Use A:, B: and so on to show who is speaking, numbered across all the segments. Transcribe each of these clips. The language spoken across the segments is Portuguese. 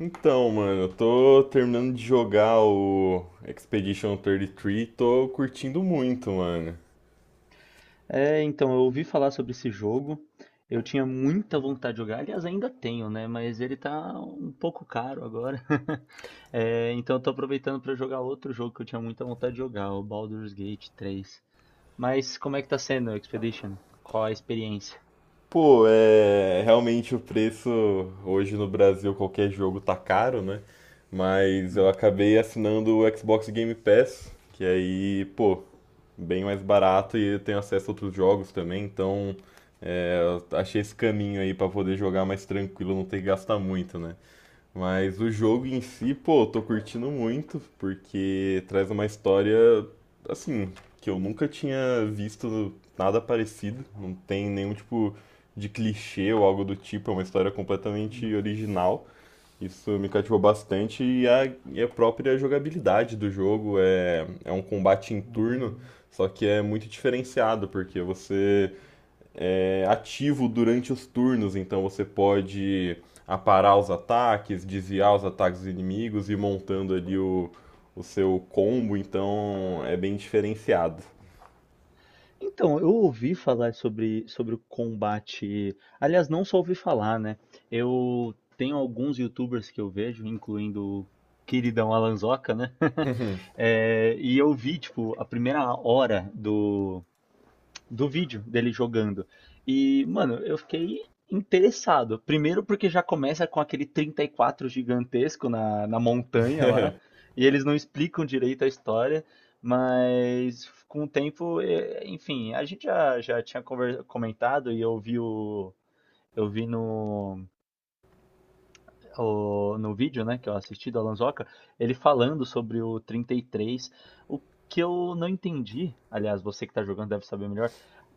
A: Então, mano, eu tô terminando de jogar o Expedition 33 e três, e tô curtindo muito, mano.
B: É, então, eu ouvi falar sobre esse jogo. Eu tinha muita vontade de jogar, aliás, ainda tenho, né? Mas ele tá um pouco caro agora. É, então, eu tô aproveitando pra jogar outro jogo que eu tinha muita vontade de jogar, o Baldur's Gate 3. Mas como é que tá sendo o Expedition? Qual a experiência?
A: Pô, é realmente o preço. Hoje no Brasil, qualquer jogo tá caro, né? Mas eu acabei assinando o Xbox Game Pass, que aí, pô, bem mais barato e eu tenho acesso a outros jogos também, então é, eu achei esse caminho aí pra poder jogar mais tranquilo, não ter que gastar muito, né? Mas o jogo em si, pô, eu tô curtindo muito, porque traz uma história, assim, que eu nunca tinha visto nada parecido, não tem nenhum tipo de clichê ou algo do tipo, é uma história completamente original. Isso me cativou bastante e a própria jogabilidade do jogo é um combate em turno,
B: Hum.
A: só que é muito diferenciado, porque você é ativo durante os turnos, então você pode aparar os ataques, desviar os ataques dos inimigos e ir montando ali o seu combo, então é bem diferenciado.
B: Então, eu ouvi falar sobre o combate. Aliás, não só ouvi falar, né? Eu tenho alguns YouTubers que eu vejo, incluindo o queridão Alanzoca, né? É, e eu vi, tipo, a primeira hora do vídeo dele jogando. E, mano, eu fiquei interessado. Primeiro porque já começa com aquele 34 gigantesco na montanha lá, e eles não explicam direito a história, mas com o tempo, enfim, a gente já tinha comentado e eu vi no vídeo, né, que eu assisti do Alanzoca, ele falando sobre o 33. O que eu não entendi, aliás, você que tá jogando deve saber melhor.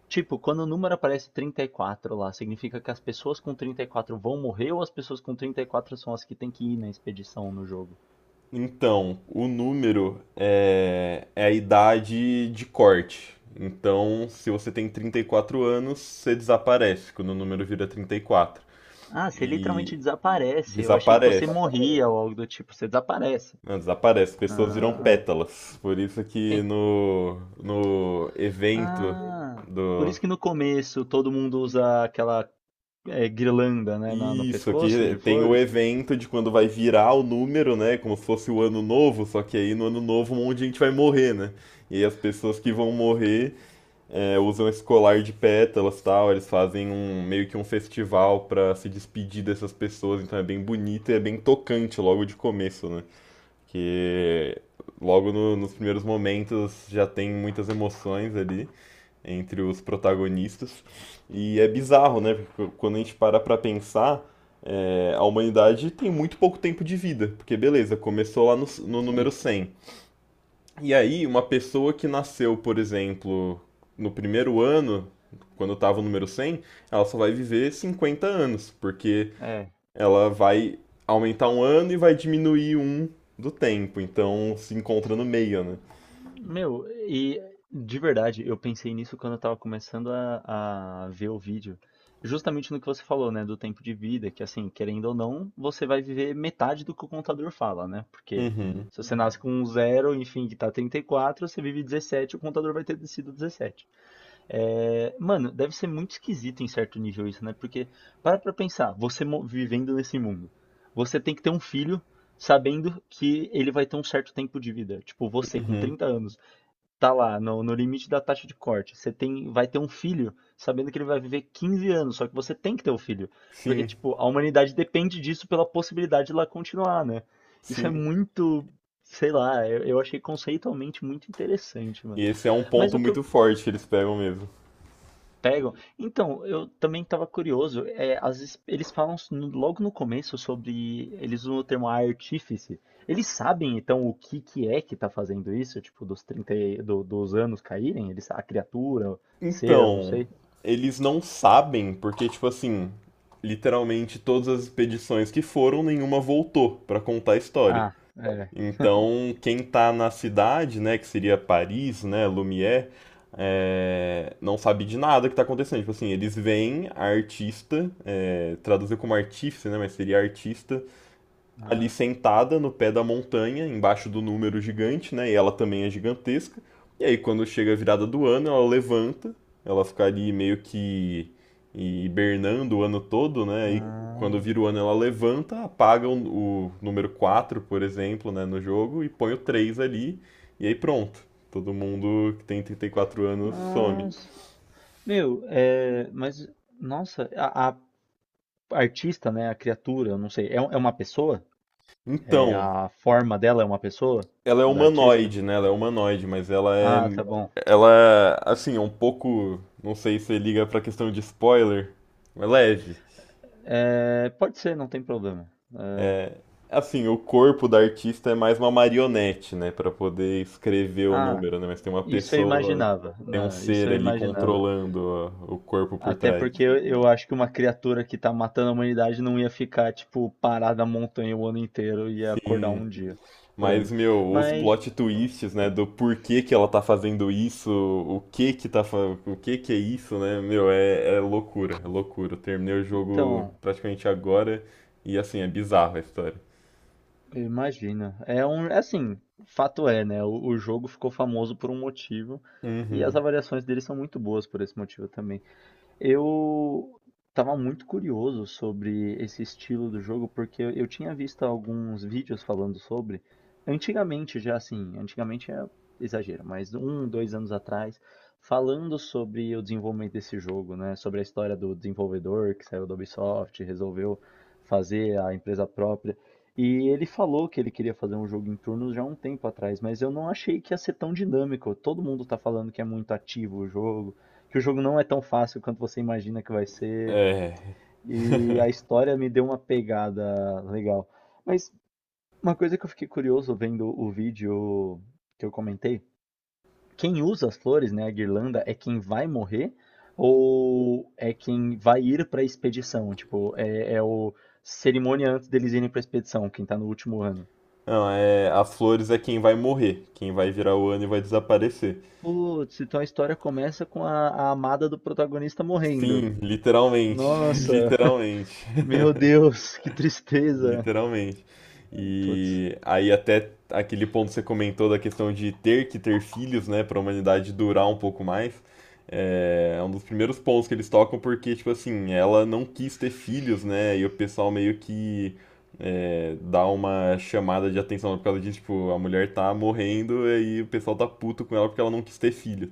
B: Tipo, quando o número aparece 34 lá, significa que as pessoas com 34 vão morrer ou as pessoas com 34 são as que têm que ir na expedição no jogo?
A: Então, o número é a idade de corte. Então, se você tem 34 anos, você desaparece quando o número vira 34.
B: Ah, você
A: E
B: literalmente desaparece. Eu achei que você
A: desaparece.
B: Desaparece. Morria ou algo do tipo. Você desaparece.
A: Não, desaparece. As pessoas viram
B: Ah,
A: pétalas. Por isso que
B: tem...
A: no evento
B: ah, por
A: do.
B: isso que no começo todo mundo usa aquela guirlanda, né, no
A: Isso,
B: pescoço
A: aqui
B: de
A: tem o
B: flores.
A: evento de quando vai virar o número, né? Como se fosse o ano novo, só que aí no ano novo um monte de gente vai morrer, né? E aí as pessoas que vão morrer usam esse colar de pétalas e tal, eles fazem um meio que um festival pra se despedir dessas pessoas, então é bem bonito e é bem tocante logo de começo, né? Que logo nos primeiros momentos já tem muitas emoções ali entre os protagonistas. E é bizarro, né? Porque quando a gente para pra pensar, a humanidade tem muito pouco tempo de vida, porque beleza, começou lá no número
B: Sim,
A: 100 e aí, uma pessoa que nasceu, por exemplo, no primeiro ano, quando estava o número 100, ela só vai viver 50 anos, porque
B: é.
A: ela vai aumentar um ano e vai diminuir um do tempo, então se encontra no meio, né?
B: Meu, e de verdade, eu pensei nisso quando eu tava começando a ver o vídeo. Justamente no que você falou, né, do tempo de vida, que assim, querendo ou não, você vai viver metade do que o contador fala, né? Porque
A: Uhum,
B: se você nasce, uhum, com um zero, enfim, que tá 34, você vive 17, o contador vai ter sido 17. É, mano, deve ser muito esquisito em certo nível isso, né? Porque para pra pensar, você vivendo nesse mundo, você tem que ter um filho sabendo que ele vai ter um certo tempo de vida. Tipo, você com
A: uhum.
B: 30 anos. Tá lá, no limite da taxa de corte. Você vai ter um filho, sabendo que ele vai viver 15 anos, só que você tem que ter o filho. Porque,
A: Sim,
B: tipo, a humanidade depende disso pela possibilidade de ela continuar, né? Isso é
A: sim.
B: muito, sei lá, eu achei conceitualmente muito interessante,
A: E
B: mano.
A: esse é um
B: Mas
A: ponto
B: o que eu
A: muito forte que eles pegam mesmo.
B: Pegam? Então, eu também estava curioso, às vezes eles falam logo no começo sobre. Eles usam o termo artífice. Eles sabem, então, o que que é que está fazendo isso? Tipo, dos 30, e- do- dos anos caírem? Eles, a criatura, o ser, eu não
A: Então,
B: sei.
A: eles não sabem, porque, tipo assim, literalmente todas as expedições que foram, nenhuma voltou pra contar a história.
B: Ah, é.
A: Então, quem está na cidade, né, que seria Paris, né, Lumière, não sabe de nada que está acontecendo. Tipo assim, eles veem a artista, traduzir como artífice, né, mas seria artista, ali sentada no pé da montanha, embaixo do número gigante, né? E ela também é gigantesca. E aí, quando chega a virada do ano, ela levanta, ela fica ali meio que hibernando o ano todo, né? E quando
B: Ah,
A: vira o ano, ela levanta, apaga o número 4, por exemplo, né, no jogo, e põe o 3 ali, e aí pronto. Todo mundo que tem 34 anos some.
B: nossa. Meu, é, mas, nossa, a artista, né? A criatura, eu não sei. É, é uma pessoa? É,
A: Então,
B: a forma dela é uma pessoa?
A: ela é
B: Da artista?
A: humanoide, né? Ela é humanoide, mas ela é.
B: Ah, tá bom.
A: Ela, assim, é um pouco. Não sei se liga pra questão de spoiler, mas leve.
B: É, pode ser, não tem problema. É,
A: É, assim, o corpo da artista é mais uma marionete, né? Pra poder escrever o
B: ah,
A: número, né? Mas tem uma
B: isso eu
A: pessoa,
B: imaginava,
A: tem um
B: né? Isso
A: ser
B: eu
A: ali
B: imaginava.
A: controlando ó, o corpo por
B: Até
A: trás.
B: porque eu acho que uma criatura que tá matando a humanidade não ia ficar, tipo, parada na montanha o ano inteiro, ia acordar
A: Sim.
B: um dia por
A: Mas,
B: ano.
A: meu, os
B: Mas,
A: plot twists, né, do porquê que ela tá fazendo isso, o que que é isso, né, meu, é loucura, é loucura. Eu terminei o jogo
B: então,
A: praticamente agora e, assim, é bizarro a história.
B: eu imagino. É um, é assim, fato é, né? O jogo ficou famoso por um motivo e as
A: Uhum.
B: avaliações dele são muito boas por esse motivo também. Eu estava muito curioso sobre esse estilo do jogo, porque eu tinha visto alguns vídeos falando sobre, antigamente já assim, antigamente é exagero, mas um, dois anos atrás, falando sobre o desenvolvimento desse jogo, né? Sobre a história do desenvolvedor que saiu da Ubisoft, resolveu fazer a empresa própria. E ele falou que ele queria fazer um jogo em turnos já há um tempo atrás, mas eu não achei que ia ser tão dinâmico. Todo mundo tá falando que é muito ativo o jogo, que o jogo não é tão fácil quanto você imagina que vai ser.
A: É.
B: E a história me deu uma pegada legal. Mas uma coisa que eu fiquei curioso vendo o vídeo que eu comentei, quem usa as flores, né, a guirlanda, é quem vai morrer ou é quem vai ir para a expedição? Tipo, é, é o cerimônia antes deles irem para a expedição, quem tá no último ano.
A: Não, é, as flores é quem vai morrer, quem vai virar o ano e vai desaparecer.
B: Putz, então a história começa com a amada do protagonista morrendo.
A: Sim, literalmente,
B: Nossa,
A: literalmente.
B: meu Deus, que tristeza.
A: Literalmente.
B: Putz,
A: E aí até aquele ponto que você comentou da questão de ter que ter filhos, né, para a humanidade durar um pouco mais, é um dos primeiros pontos que eles tocam porque, tipo assim, ela não quis ter filhos, né, e o pessoal meio que dá uma chamada de atenção por causa disso, tipo, a mulher tá morrendo e aí o pessoal tá puto com ela porque ela não quis ter filho.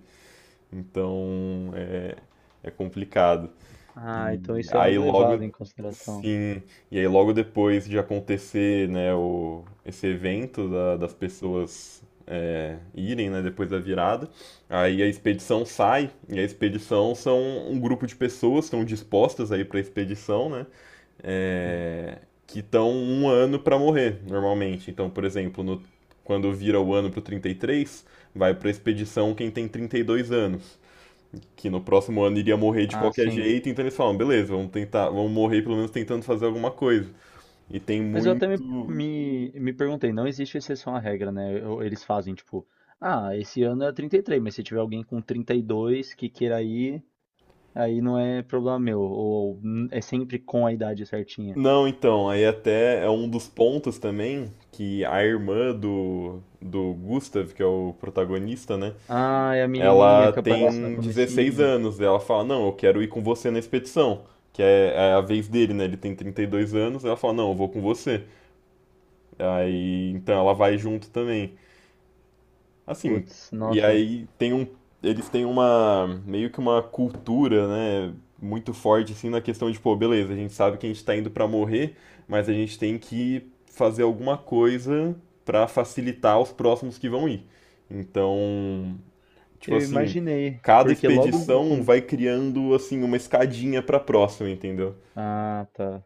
A: Então, é complicado.
B: ah, então
A: E
B: isso é
A: aí
B: algo levado
A: logo,
B: em consideração.
A: sim. E aí logo depois de acontecer, né, o, esse evento das pessoas irem, né, depois da virada, aí a expedição sai, e a expedição são um grupo de pessoas que estão dispostas aí para a expedição, né,
B: Sim.
A: é, que estão um ano para morrer, normalmente. Então, por exemplo, quando vira o ano pro 33, vai para a expedição quem tem 32 anos que no próximo ano iria morrer de
B: Ah,
A: qualquer
B: sim.
A: jeito, então eles falam, beleza, vamos tentar, vamos morrer pelo menos tentando fazer alguma coisa. E tem
B: Mas eu até me,
A: muito.
B: me, me perguntei, não existe exceção à regra, né? Eles fazem tipo, ah, esse ano é 33, mas se tiver alguém com 32 que queira ir, aí não é problema meu. Ou é sempre com a idade certinha."
A: Não, então, aí até é um dos pontos também que a irmã do Gustav, que é o protagonista, né?
B: Ah, é a menininha
A: Ela
B: que aparece no
A: tem 16
B: comecinho.
A: anos, e ela fala, não, eu quero ir com você na expedição. Que é a vez dele, né? Ele tem 32 anos, ela fala, não, eu vou com você. Aí, então ela vai junto também. Assim,
B: Putz,
A: e
B: nossa.
A: aí tem um, eles têm uma, meio que uma cultura, né, muito forte, assim, na questão de, pô, beleza, a gente sabe que a gente tá indo pra morrer, mas a gente tem que fazer alguma coisa pra facilitar os próximos que vão ir. Então, tipo
B: Eu
A: assim,
B: imaginei,
A: cada
B: porque logo no
A: expedição
B: começo.
A: vai criando, assim, uma escadinha pra próxima, entendeu?
B: Ah, tá.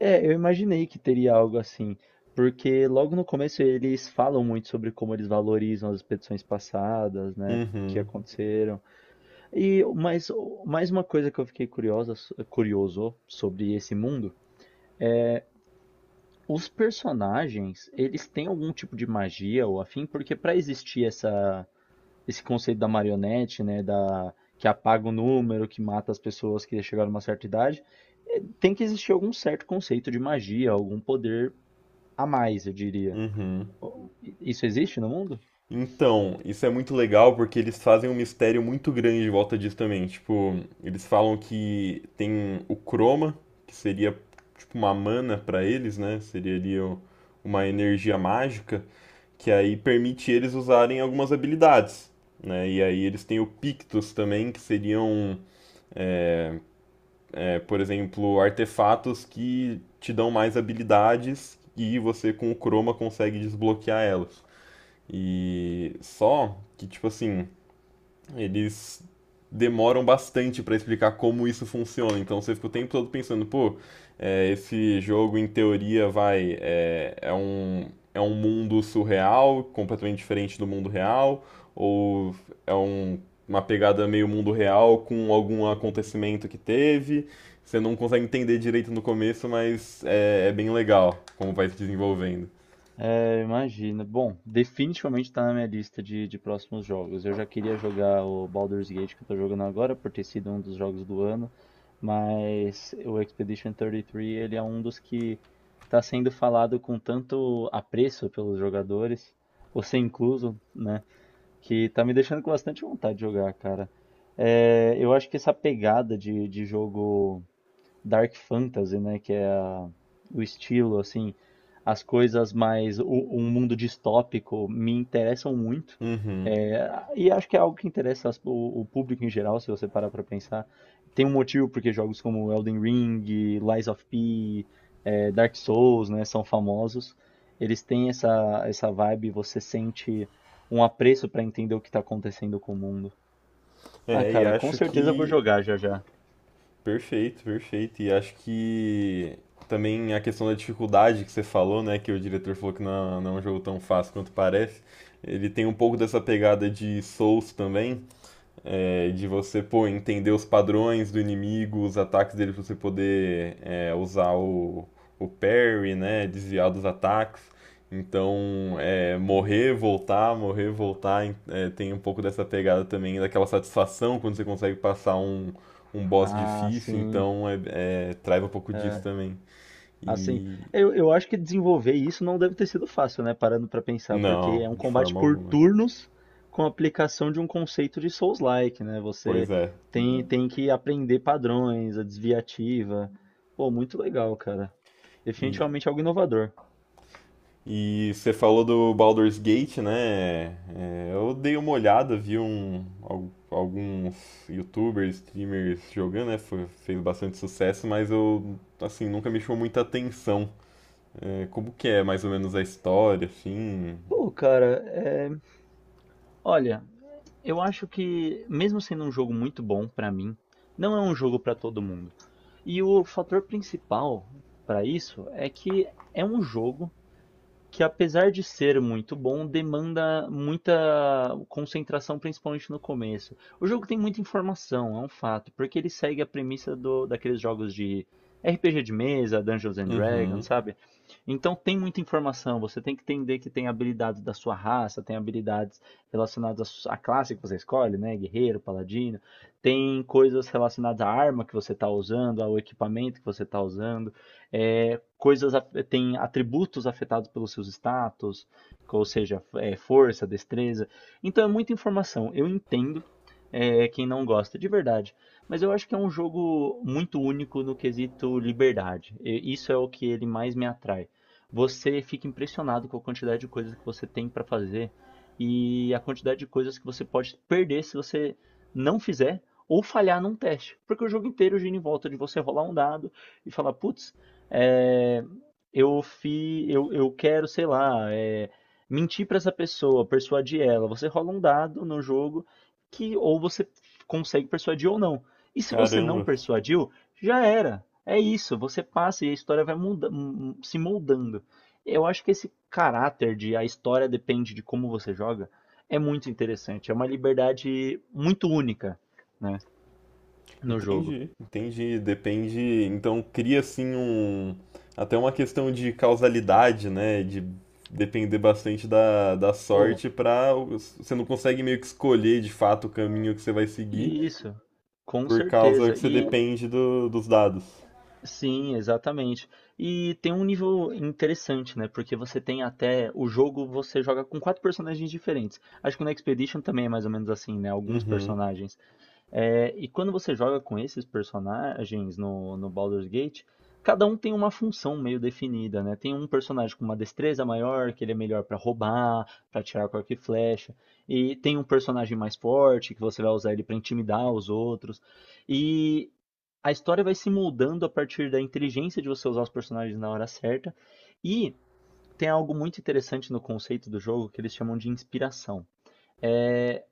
B: É, eu imaginei que teria algo assim, porque logo no começo eles falam muito sobre como eles valorizam as expedições passadas, né, que
A: Uhum,
B: aconteceram. E mas mais uma coisa que eu fiquei curioso sobre esse mundo. Os personagens, eles têm algum tipo de magia ou afim? Porque para existir essa, esse conceito da marionete, né, da que apaga o número, que mata as pessoas que chegaram a uma certa idade, tem que existir algum certo conceito de magia, algum poder a mais, eu diria.
A: uhum.
B: Isso existe no mundo?
A: Então, isso é muito legal porque eles fazem um mistério muito grande em volta disso também. Tipo, eles falam que tem o Chroma, que seria tipo uma mana pra eles, né? Seria ali uma energia mágica que aí permite eles usarem algumas habilidades, né? E aí eles têm o Pictus também, que seriam, por exemplo, artefatos que te dão mais habilidades e você com o Chroma consegue desbloquear elas. E só que tipo assim, eles demoram bastante para explicar como isso funciona. Então você fica o tempo todo pensando, pô, esse jogo em teoria vai é um mundo surreal, completamente diferente do mundo real, ou é um, uma pegada meio mundo real com algum acontecimento que teve. Você não consegue entender direito no começo, mas é bem legal como vai se desenvolvendo.
B: É, imagina. Bom, definitivamente tá na minha lista de próximos jogos. Eu já queria jogar o Baldur's Gate que eu tô jogando agora, por ter sido um dos jogos do ano, mas o Expedition 33, ele é um dos que tá sendo falado com tanto apreço pelos jogadores, você incluso, né, que tá me deixando com bastante vontade de jogar, cara. É, eu acho que essa pegada de jogo dark fantasy, né? Que é o estilo, assim, as coisas mais, um mundo distópico me interessam muito.
A: Uhum.
B: É, e acho que é algo que interessa o público em geral, se você parar pra pensar. Tem um motivo porque jogos como Elden Ring, Lies of P, é, Dark Souls, né, são famosos. Eles têm essa vibe, você sente um apreço pra entender o que tá acontecendo com o mundo. Ah,
A: É, e
B: cara, com
A: acho
B: certeza eu vou
A: que
B: jogar já já.
A: Perfeito, perfeito. E acho que também a questão da dificuldade que você falou, né, que o diretor falou que não, não é um jogo tão fácil quanto parece, ele tem um pouco dessa pegada de Souls também, de você, pô, entender os padrões do inimigo, os ataques dele pra você poder usar o parry, né? Desviar dos ataques. Então, morrer, voltar, tem um pouco dessa pegada também, daquela satisfação quando você consegue passar um boss
B: Ah,
A: difícil,
B: sim.
A: então traz um pouco disso também.
B: Assim,
A: E.
B: eu acho que desenvolver isso não deve ter sido fácil, né? Parando pra pensar, porque
A: Não,
B: é um
A: de
B: combate
A: forma
B: por
A: alguma.
B: turnos com a aplicação de um conceito de Souls-like, né?
A: Pois
B: Você
A: é.
B: tem que aprender padrões, a desviativa. Pô, muito legal, cara.
A: E,
B: Definitivamente algo inovador.
A: E você falou do Baldur's Gate, né? É, eu dei uma olhada, vi alguns youtubers, streamers jogando, né? Fez bastante sucesso, mas eu, assim, nunca me chamou muita atenção. É, como que é mais ou menos a história, assim?
B: Pô, cara, olha, eu acho que mesmo sendo um jogo muito bom pra mim, não é um jogo pra todo mundo. E o fator principal pra isso é que é um jogo que, apesar de ser muito bom, demanda muita concentração, principalmente no começo. O jogo tem muita informação, é um fato, porque ele segue a premissa do, daqueles jogos de RPG de mesa, Dungeons and
A: Uhum.
B: Dragons, sabe? Então tem muita informação, você tem que entender que tem habilidades da sua raça, tem habilidades relacionadas à classe que você escolhe, né? Guerreiro, paladino, tem coisas relacionadas à arma que você está usando, ao equipamento que você está usando. É, tem atributos afetados pelos seus status, ou seja, é, força, destreza. Então é muita informação. Eu entendo, quem não gosta, de verdade. Mas eu acho que é um jogo muito único no quesito liberdade. E isso é o que ele mais me atrai. Você fica impressionado com a quantidade de coisas que você tem para fazer e a quantidade de coisas que você pode perder se você não fizer ou falhar num teste. Porque o jogo inteiro gira em volta de você rolar um dado e falar, putz, é, eu quero, sei lá, é, mentir para essa pessoa, persuadir ela. Você rola um dado no jogo que ou você consegue persuadir ou não. E se você não
A: Caramba.
B: persuadiu, já era. É isso, você passa e a história vai se moldando. Eu acho que esse caráter de a história depende de como você joga é muito interessante. É uma liberdade muito única, né, no jogo.
A: Entendi, entendi. Depende. Então cria assim um. Até uma questão de causalidade, né? De depender bastante da, da
B: Pô,
A: sorte para Você não consegue meio que escolher de fato o caminho que você vai seguir
B: isso. Com
A: por causa
B: certeza.
A: que você
B: E
A: depende dos dados.
B: sim, exatamente. E tem um nível interessante, né? Porque você tem até o jogo, você joga com quatro personagens diferentes. Acho que no Expedition também é mais ou menos assim, né? Alguns
A: Uhum,
B: personagens. É, e quando você joga com esses personagens no Baldur's Gate, cada um tem uma função meio definida, né? Tem um personagem com uma destreza maior, que ele é melhor pra roubar, pra tirar com arco e flecha. E tem um personagem mais forte, que você vai usar ele pra intimidar os outros, a história vai se moldando a partir da inteligência de você usar os personagens na hora certa. E tem algo muito interessante no conceito do jogo que eles chamam de inspiração. É,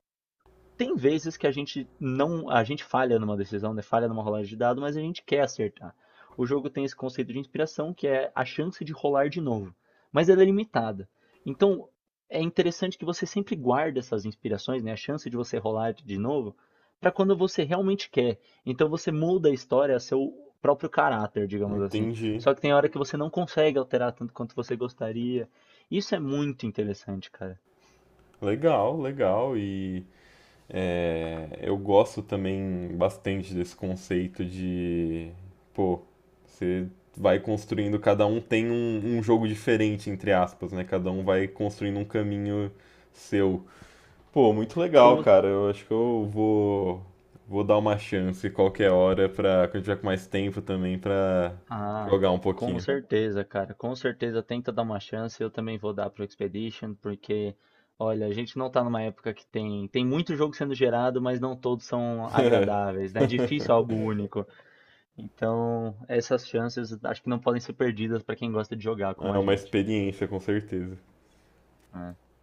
B: tem vezes que a gente não, a gente falha numa decisão, né? Falha numa rolagem de dado, mas a gente quer acertar. O jogo tem esse conceito de inspiração, que é a chance de rolar de novo, mas ela é limitada. Então, é interessante que você sempre guarde essas inspirações, né? A chance de você rolar de novo, para quando você realmente quer. Então você muda a história a seu próprio caráter, digamos assim.
A: entendi.
B: Só que tem hora que você não consegue alterar tanto quanto você gostaria. Isso é muito interessante, cara.
A: Legal, legal. É, eu gosto também bastante desse conceito de, pô, você vai construindo, cada um tem um jogo diferente, entre aspas, né? Cada um vai construindo um caminho seu. Pô, muito legal,
B: Putz,
A: cara. Eu acho que eu vou dar uma chance qualquer hora pra, quando tiver com mais tempo também, pra
B: ah,
A: jogar um
B: com
A: pouquinho.
B: certeza, cara. Com certeza tenta dar uma chance. Eu também vou dar pro Expedition, porque, olha, a gente não tá numa época que tem muito jogo sendo gerado, mas não todos são agradáveis, né? É difícil algo único. Então, essas chances acho que não podem ser perdidas pra quem gosta de jogar como
A: É
B: a
A: uma
B: gente.
A: experiência, com certeza.
B: É.